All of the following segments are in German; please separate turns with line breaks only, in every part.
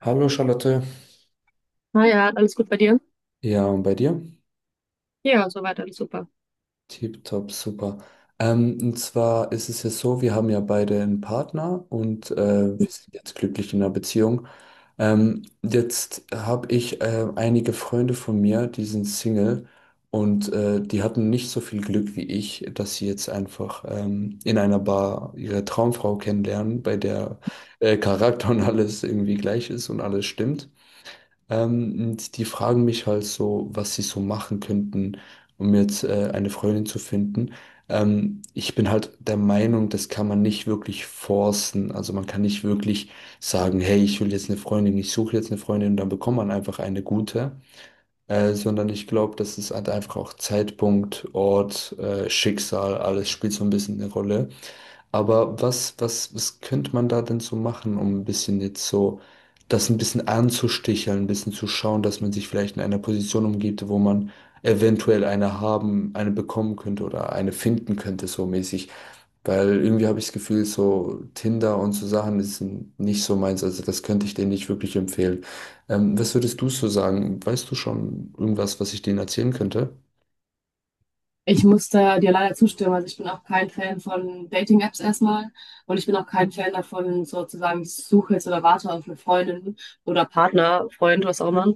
Hallo Charlotte.
Na ja, alles gut bei dir?
Ja, und bei dir?
Ja, soweit alles super.
Tipptopp, super. Und zwar ist es ja so, wir haben ja beide einen Partner und wir sind jetzt glücklich in einer Beziehung. Jetzt habe ich einige Freunde von mir, die sind Single und die hatten nicht so viel Glück wie ich, dass sie jetzt einfach in einer Bar ihre Traumfrau kennenlernen, bei der Charakter und alles irgendwie gleich ist und alles stimmt. Und die fragen mich halt so, was sie so machen könnten, um jetzt eine Freundin zu finden. Ich bin halt der Meinung, das kann man nicht wirklich forcen. Also man kann nicht wirklich sagen, hey, ich will jetzt eine Freundin, ich suche jetzt eine Freundin und dann bekommt man einfach eine gute. Sondern ich glaube, das ist halt einfach auch Zeitpunkt, Ort, Schicksal, alles spielt so ein bisschen eine Rolle. Aber was könnte man da denn so machen, um ein bisschen jetzt so das ein bisschen anzusticheln, ein bisschen zu schauen, dass man sich vielleicht in einer Position umgibt, wo man eventuell eine haben, eine bekommen könnte oder eine finden könnte, so mäßig. Weil irgendwie habe ich das Gefühl, so Tinder und so Sachen ist nicht so meins. Also das könnte ich denen nicht wirklich empfehlen. Was würdest du so sagen? Weißt du schon irgendwas, was ich denen erzählen könnte?
Ich muss da dir leider zustimmen. Also ich bin auch kein Fan von Dating-Apps erstmal und ich bin auch kein Fan davon, sozusagen, ich suche jetzt oder warte auf eine Freundin oder Partner, Freund, was auch immer.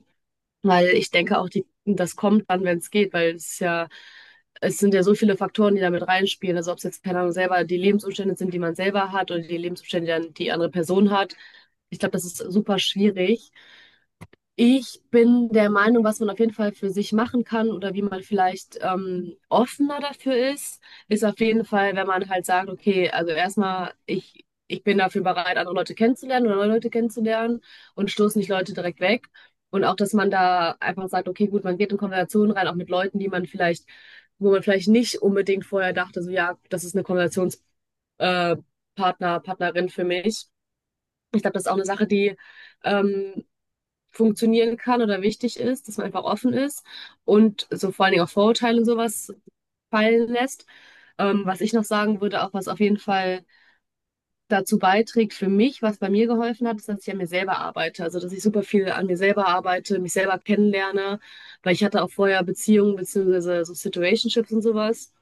Weil ich denke auch, die, das kommt dann, wenn es geht, weil es ist ja, es sind ja so viele Faktoren, die damit reinspielen. Also ob es jetzt, keine Ahnung, selber die Lebensumstände sind, die man selber hat oder die Lebensumstände, die dann die andere Person hat. Ich glaube, das ist super schwierig. Ich bin der Meinung, was man auf jeden Fall für sich machen kann oder wie man vielleicht offener dafür ist, ist auf jeden Fall, wenn man halt sagt, okay, also erstmal, ich bin dafür bereit, andere Leute kennenzulernen oder neue Leute kennenzulernen und stoße nicht Leute direkt weg. Und auch, dass man da einfach sagt, okay, gut, man geht in Konversationen rein, auch mit Leuten, die man vielleicht, wo man vielleicht nicht unbedingt vorher dachte, so ja, das ist eine Konversations äh, Partner, Partnerin für mich. Ich glaube, das ist auch eine Sache, die ähm, funktionieren kann oder wichtig ist, dass man einfach offen ist und so vor allen Dingen auch Vorurteile und sowas fallen lässt. Was ich noch sagen würde, auch was auf jeden Fall dazu beiträgt für mich, was bei mir geholfen hat, ist, dass ich an mir selber arbeite. Also, dass ich super viel an mir selber arbeite, mich selber kennenlerne, weil ich hatte auch vorher Beziehungen beziehungsweise so Situationships und sowas.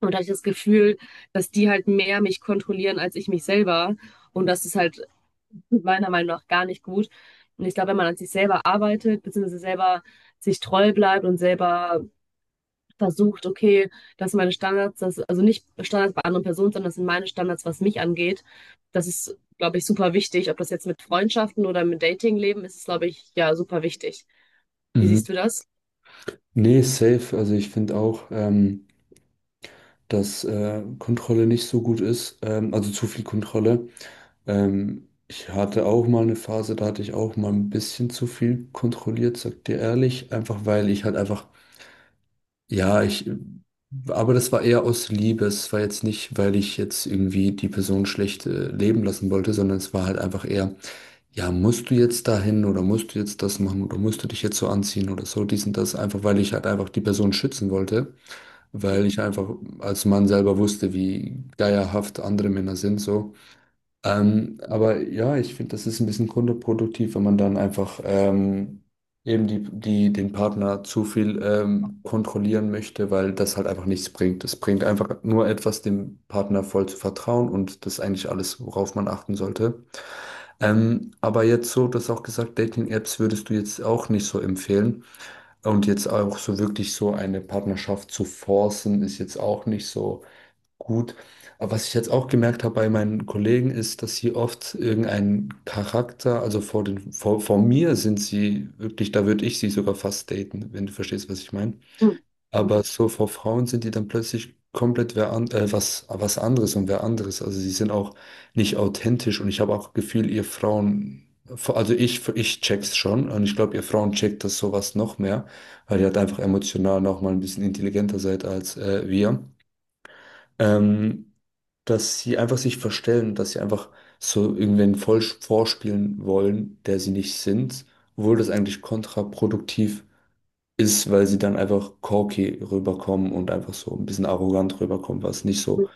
Und da hatte ich das Gefühl, dass die halt mehr mich kontrollieren als ich mich selber. Und das ist halt meiner Meinung nach gar nicht gut. Und ich glaube, wenn man an sich selber arbeitet, beziehungsweise selber sich treu bleibt und selber versucht, okay, das sind meine Standards, das, also nicht Standards bei anderen Personen, sondern das sind meine Standards, was mich angeht. Das ist, glaube ich, super wichtig. Ob das jetzt mit Freundschaften oder mit Datingleben ist, ist, glaube ich, ja, super wichtig. Wie
Mhm.
siehst du das?
Nee, safe. Also ich finde auch, dass Kontrolle nicht so gut ist, also zu viel Kontrolle. Ich hatte auch mal eine Phase, da hatte ich auch mal ein bisschen zu viel kontrolliert, sag dir ehrlich, einfach weil ich halt einfach, ja, ich, aber das war eher aus Liebe, es war jetzt nicht, weil ich jetzt irgendwie die Person schlecht leben lassen wollte, sondern es war halt einfach eher, ja, musst du jetzt dahin oder musst du jetzt das machen oder musst du dich jetzt so anziehen oder so, dies und das, einfach weil ich halt einfach die Person schützen wollte, weil ich einfach als Mann selber wusste, wie geierhaft andere Männer sind, so. Aber ja, ich finde, das ist ein bisschen kontraproduktiv, wenn man dann einfach eben den Partner zu viel kontrollieren möchte, weil das halt einfach nichts bringt. Es bringt einfach nur etwas, dem Partner voll zu vertrauen und das ist eigentlich alles, worauf man achten sollte. Aber jetzt so, du hast auch gesagt, Dating-Apps würdest du jetzt auch nicht so empfehlen. Und jetzt auch so wirklich so eine Partnerschaft zu forcen, ist jetzt auch nicht so gut. Aber was ich jetzt auch gemerkt habe bei meinen Kollegen, ist, dass sie oft irgendeinen Charakter, also vor mir sind sie wirklich, da würde ich sie sogar fast daten, wenn du verstehst, was ich meine. Aber
Mhm.
so vor Frauen sind die dann plötzlich komplett wer an, was, was anderes und wer anderes. Also sie sind auch nicht authentisch und ich habe auch Gefühl, ihr Frauen, also ich check's schon und ich glaube, ihr Frauen checkt das sowas noch mehr, weil ihr halt einfach emotional noch mal ein bisschen intelligenter seid als wir. Ähm, Dass sie einfach sich verstellen, dass sie einfach so irgendwen voll vorspielen wollen, der sie nicht sind, obwohl das eigentlich kontraproduktiv ist, weil sie dann einfach cocky rüberkommen und einfach so ein bisschen arrogant rüberkommen, was nicht so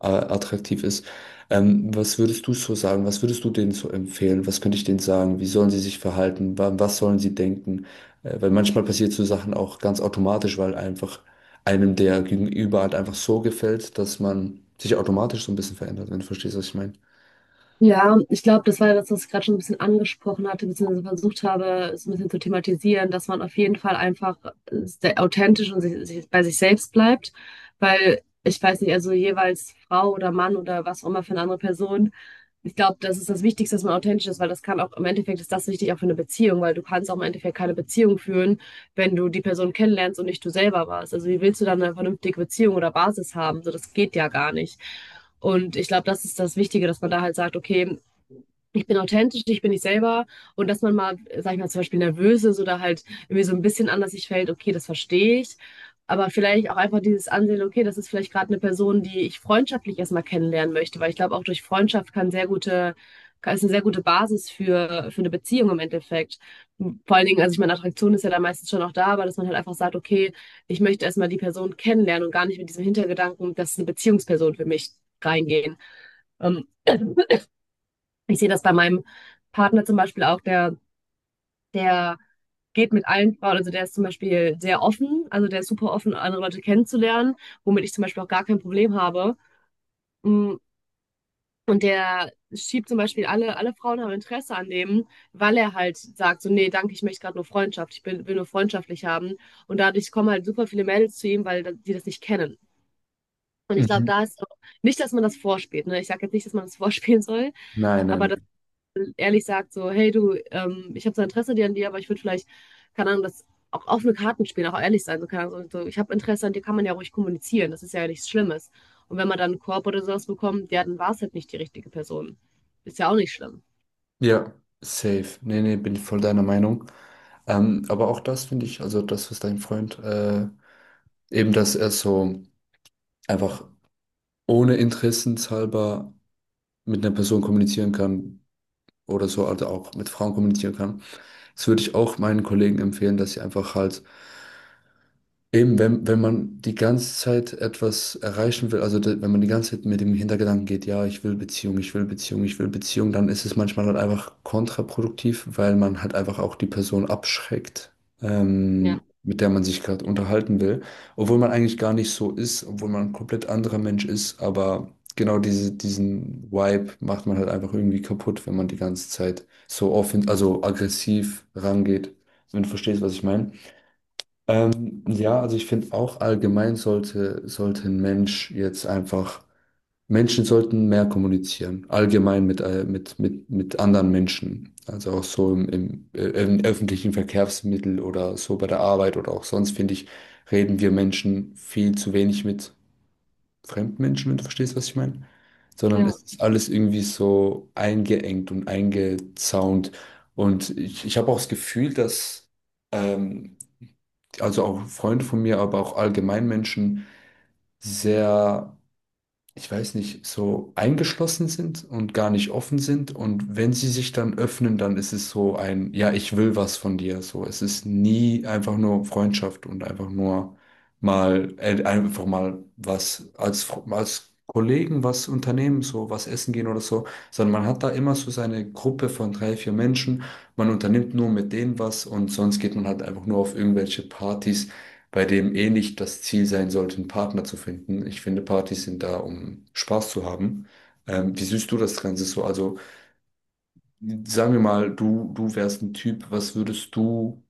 attraktiv ist. Was würdest du so sagen? Was würdest du denen so empfehlen? Was könnte ich denen sagen? Wie sollen sie sich verhalten? Was sollen sie denken? Weil manchmal passiert so Sachen auch ganz automatisch, weil einfach einem der Gegenüber halt einfach so gefällt, dass man sich automatisch so ein bisschen verändert, wenn du verstehst, was ich meine.
Ja, ich glaube, das war das, was ich gerade schon ein bisschen angesprochen hatte, beziehungsweise versucht habe, es ein bisschen zu thematisieren, dass man auf jeden Fall einfach sehr authentisch und sich bei sich selbst bleibt, weil ich weiß nicht, also jeweils Frau oder Mann oder was auch immer für eine andere Person, ich glaube, das ist das Wichtigste, dass man authentisch ist, weil das kann auch im Endeffekt ist das wichtig auch für eine Beziehung, weil du kannst auch im Endeffekt keine Beziehung führen, wenn du die Person kennenlernst und nicht du selber warst. Also wie willst du dann eine vernünftige Beziehung oder Basis haben? So, das geht ja gar nicht. Und ich glaube, das ist das Wichtige, dass man da halt sagt, okay, ich bin authentisch, ich bin ich selber und dass man mal, sag ich mal, zum Beispiel nervös ist oder halt irgendwie so ein bisschen anders sich fällt, okay, das verstehe ich. Aber vielleicht auch einfach dieses Ansehen, okay, das ist vielleicht gerade eine Person, die ich freundschaftlich erstmal kennenlernen möchte, weil ich glaube, auch durch Freundschaft kann sehr gute, kann- ist eine sehr gute Basis für eine Beziehung im Endeffekt. Vor allen Dingen, also ich meine, Attraktion ist ja dann meistens schon auch da, aber dass man halt einfach sagt, okay, ich möchte erstmal die Person kennenlernen und gar nicht mit diesem Hintergedanken, das ist eine Beziehungsperson für mich reingehen. Ähm, Ich sehe das bei meinem Partner zum Beispiel auch, der geht mit allen Frauen, also der ist zum Beispiel sehr offen, also der ist super offen, andere Leute kennenzulernen, womit ich zum Beispiel auch gar kein Problem habe. Mm, Und der schiebt zum Beispiel alle Frauen haben Interesse an dem, weil er halt sagt, so, nee, danke, ich möchte gerade nur Freundschaft, ich bin, will nur freundschaftlich haben. Und dadurch kommen halt super viele Mädels zu ihm, weil da- die das nicht kennen. Und ich glaube,
Mhm.
da ist auch nicht, dass man das vorspielt, ne? Ich sage jetzt nicht, dass man das vorspielen soll,
Nein, nein.
aber ehrlich sagt, so, hey du, ich habe so Interesse dir an dir, aber ich würde vielleicht, keine Ahnung, das auch offene Karten spielen, auch ehrlich sein. So, keine Ahnung, so, ich habe Interesse an dir, kann man ja ruhig kommunizieren. Das ist ja nichts Schlimmes. Und wenn man dann einen Korb oder sowas bekommt, ja, dann war es halt nicht die richtige Person. Ist ja auch nicht schlimm.
Ja, safe. Nee, nee, bin ich voll deiner Meinung. Aber auch das finde ich, also das, was dein Freund, eben, dass er so einfach ohne interessenshalber mit einer Person kommunizieren kann oder so, also auch mit Frauen kommunizieren kann. Das würde ich auch meinen Kollegen empfehlen, dass sie einfach halt eben, wenn, wenn man die ganze Zeit etwas erreichen will, also wenn man die ganze Zeit mit dem Hintergedanken geht, ja, ich will Beziehung, ich will Beziehung, ich will Beziehung, dann ist es manchmal halt einfach kontraproduktiv, weil man halt einfach auch die Person abschreckt,
Ja,
mit der man sich gerade unterhalten will, obwohl man eigentlich gar nicht so ist, obwohl man ein komplett anderer Mensch ist, aber diesen Vibe macht man halt einfach irgendwie kaputt, wenn man die ganze Zeit so offen, also aggressiv rangeht, wenn du verstehst, was ich meine. Ja, also ich finde auch allgemein sollte ein Mensch jetzt einfach, Menschen sollten mehr kommunizieren, allgemein mit, mit anderen Menschen. Also auch so im öffentlichen Verkehrsmittel oder so bei der Arbeit oder auch sonst, finde ich, reden wir Menschen viel zu wenig mit fremden Menschen, wenn du verstehst, was ich meine. Sondern Mhm.
ja.
es ist alles irgendwie so eingeengt und eingezaunt. Und ich habe auch das Gefühl, dass. Ähm, also auch Freunde von mir, aber auch allgemein Menschen sehr, ich weiß nicht, so eingeschlossen sind und gar nicht offen sind. Und wenn sie sich dann öffnen, dann ist es so ein, ja, ich will was von dir. So, es ist nie einfach nur Freundschaft und einfach nur mal, einfach mal was als, als Kollegen was unternehmen, so was essen gehen oder so, sondern man hat da immer so seine Gruppe von drei, vier Menschen. Man unternimmt nur mit denen was und sonst geht man halt einfach nur auf irgendwelche Partys, bei dem eh nicht das Ziel sein sollte, einen Partner zu finden. Ich finde, Partys sind da, um Spaß zu haben. Wie siehst du das Ganze so? Also, sagen wir mal, du wärst ein Typ, was würdest du,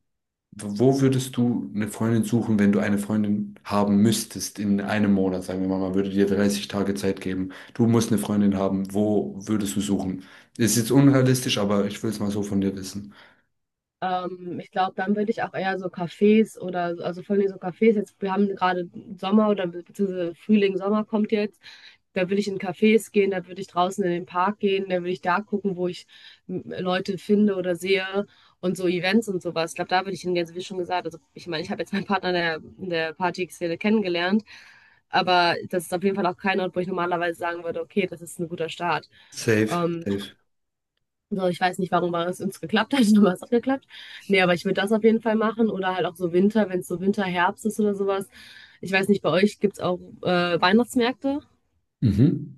wo würdest du eine Freundin suchen, wenn du eine Freundin haben müsstest in einem Monat? Sagen wir mal, man würde dir 30 Tage Zeit geben. Du musst eine Freundin haben. Wo würdest du suchen? Ist jetzt unrealistisch, aber ich will es mal so von dir wissen.
Ich glaube, dann würde ich auch eher so Cafés oder, so- also vor allem so Cafés, jetzt, wir haben gerade Sommer oder be- beziehungsweise Frühling, Sommer kommt jetzt. Da würde ich in Cafés gehen, da würde ich draußen in den Park gehen, da würde ich da gucken, wo ich Leute finde oder sehe und so Events und sowas. Ich glaube, da würde ich hingehen, also wie schon gesagt. Also ich meine, ich habe jetzt meinen Partner in der Party-Szene kennengelernt, aber das ist auf jeden Fall auch kein Ort, wo ich normalerweise sagen würde, okay, das ist ein guter Start.
Safe.
Ähm,
Safe.
so, ich weiß nicht, warum es uns geklappt hat, aber es hat geklappt. Nee, aber ich würde das auf jeden Fall machen. Oder halt auch so Winter, wenn es so Winter, Herbst ist oder sowas. Ich weiß nicht, bei euch gibt es auch Weihnachtsmärkte?
Mhm.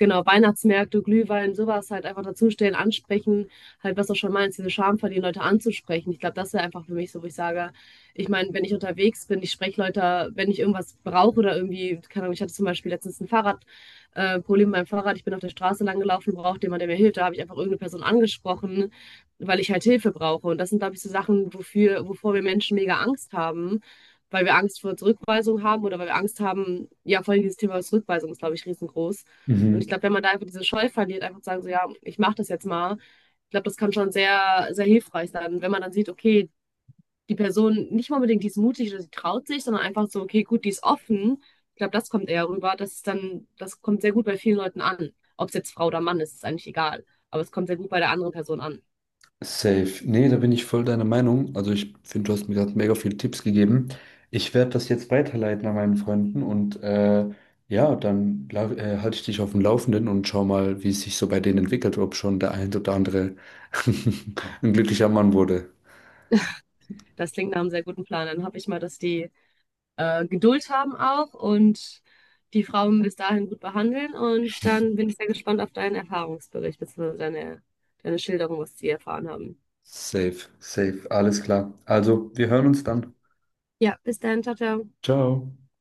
Genau, Weihnachtsmärkte, Glühwein, sowas halt einfach dazustellen, ansprechen, halt was du schon meinst, diese Charme verlieren, Leute anzusprechen. Ich glaube, das wäre einfach für mich so, wo ich sage, ich meine, wenn ich unterwegs bin, ich spreche Leute, wenn ich irgendwas brauche oder irgendwie, keine Ahnung, ich hatte zum Beispiel letztens ein Fahrrad, Problem mit Fahrrad, ich bin auf der Straße lang gelaufen, brauchte jemand, der mir hilft, da habe ich einfach irgendeine Person angesprochen, weil ich halt Hilfe brauche. Und das sind, glaube ich, so Sachen, wofür, wovor wir Menschen mega Angst haben. Weil wir Angst vor Zurückweisung haben oder weil wir Angst haben, ja, vor allem dieses Thema Zurückweisung ist, glaube ich, riesengroß und ich
Mhm.
glaube, wenn man da einfach diese Scheu verliert, einfach zu sagen, so ja, ich mache das jetzt mal, ich glaube, das kann schon sehr, sehr hilfreich sein, wenn man dann sieht, okay, die Person nicht mal unbedingt, die ist mutig oder sie traut sich, sondern einfach so, okay, gut, die ist offen. Ich glaube, das kommt eher rüber. Das ist dann, das kommt sehr gut bei vielen Leuten an. Ob es jetzt Frau oder Mann ist, ist eigentlich egal. Aber es kommt sehr gut bei der anderen Person an.
Safe. Nee, da bin ich voll deiner Meinung. Also ich finde, du hast mir gerade mega viele Tipps gegeben. Ich werde das jetzt weiterleiten an meinen Freunden und ja, dann halte ich dich auf dem Laufenden und schau mal, wie es sich so bei denen entwickelt, ob schon der ein oder andere ein glücklicher Mann wurde.
Das klingt nach einem sehr guten Plan. Dann hoffe ich mal, dass die Geduld haben auch und die Frauen bis dahin gut behandeln. Und dann bin ich sehr gespannt auf deinen Erfahrungsbericht, beziehungsweise deine, deine Schilderung, was sie erfahren haben.
Safe, safe, alles klar. Also, wir hören uns dann.
Ja, bis dann, ciao, ciao.
Ciao.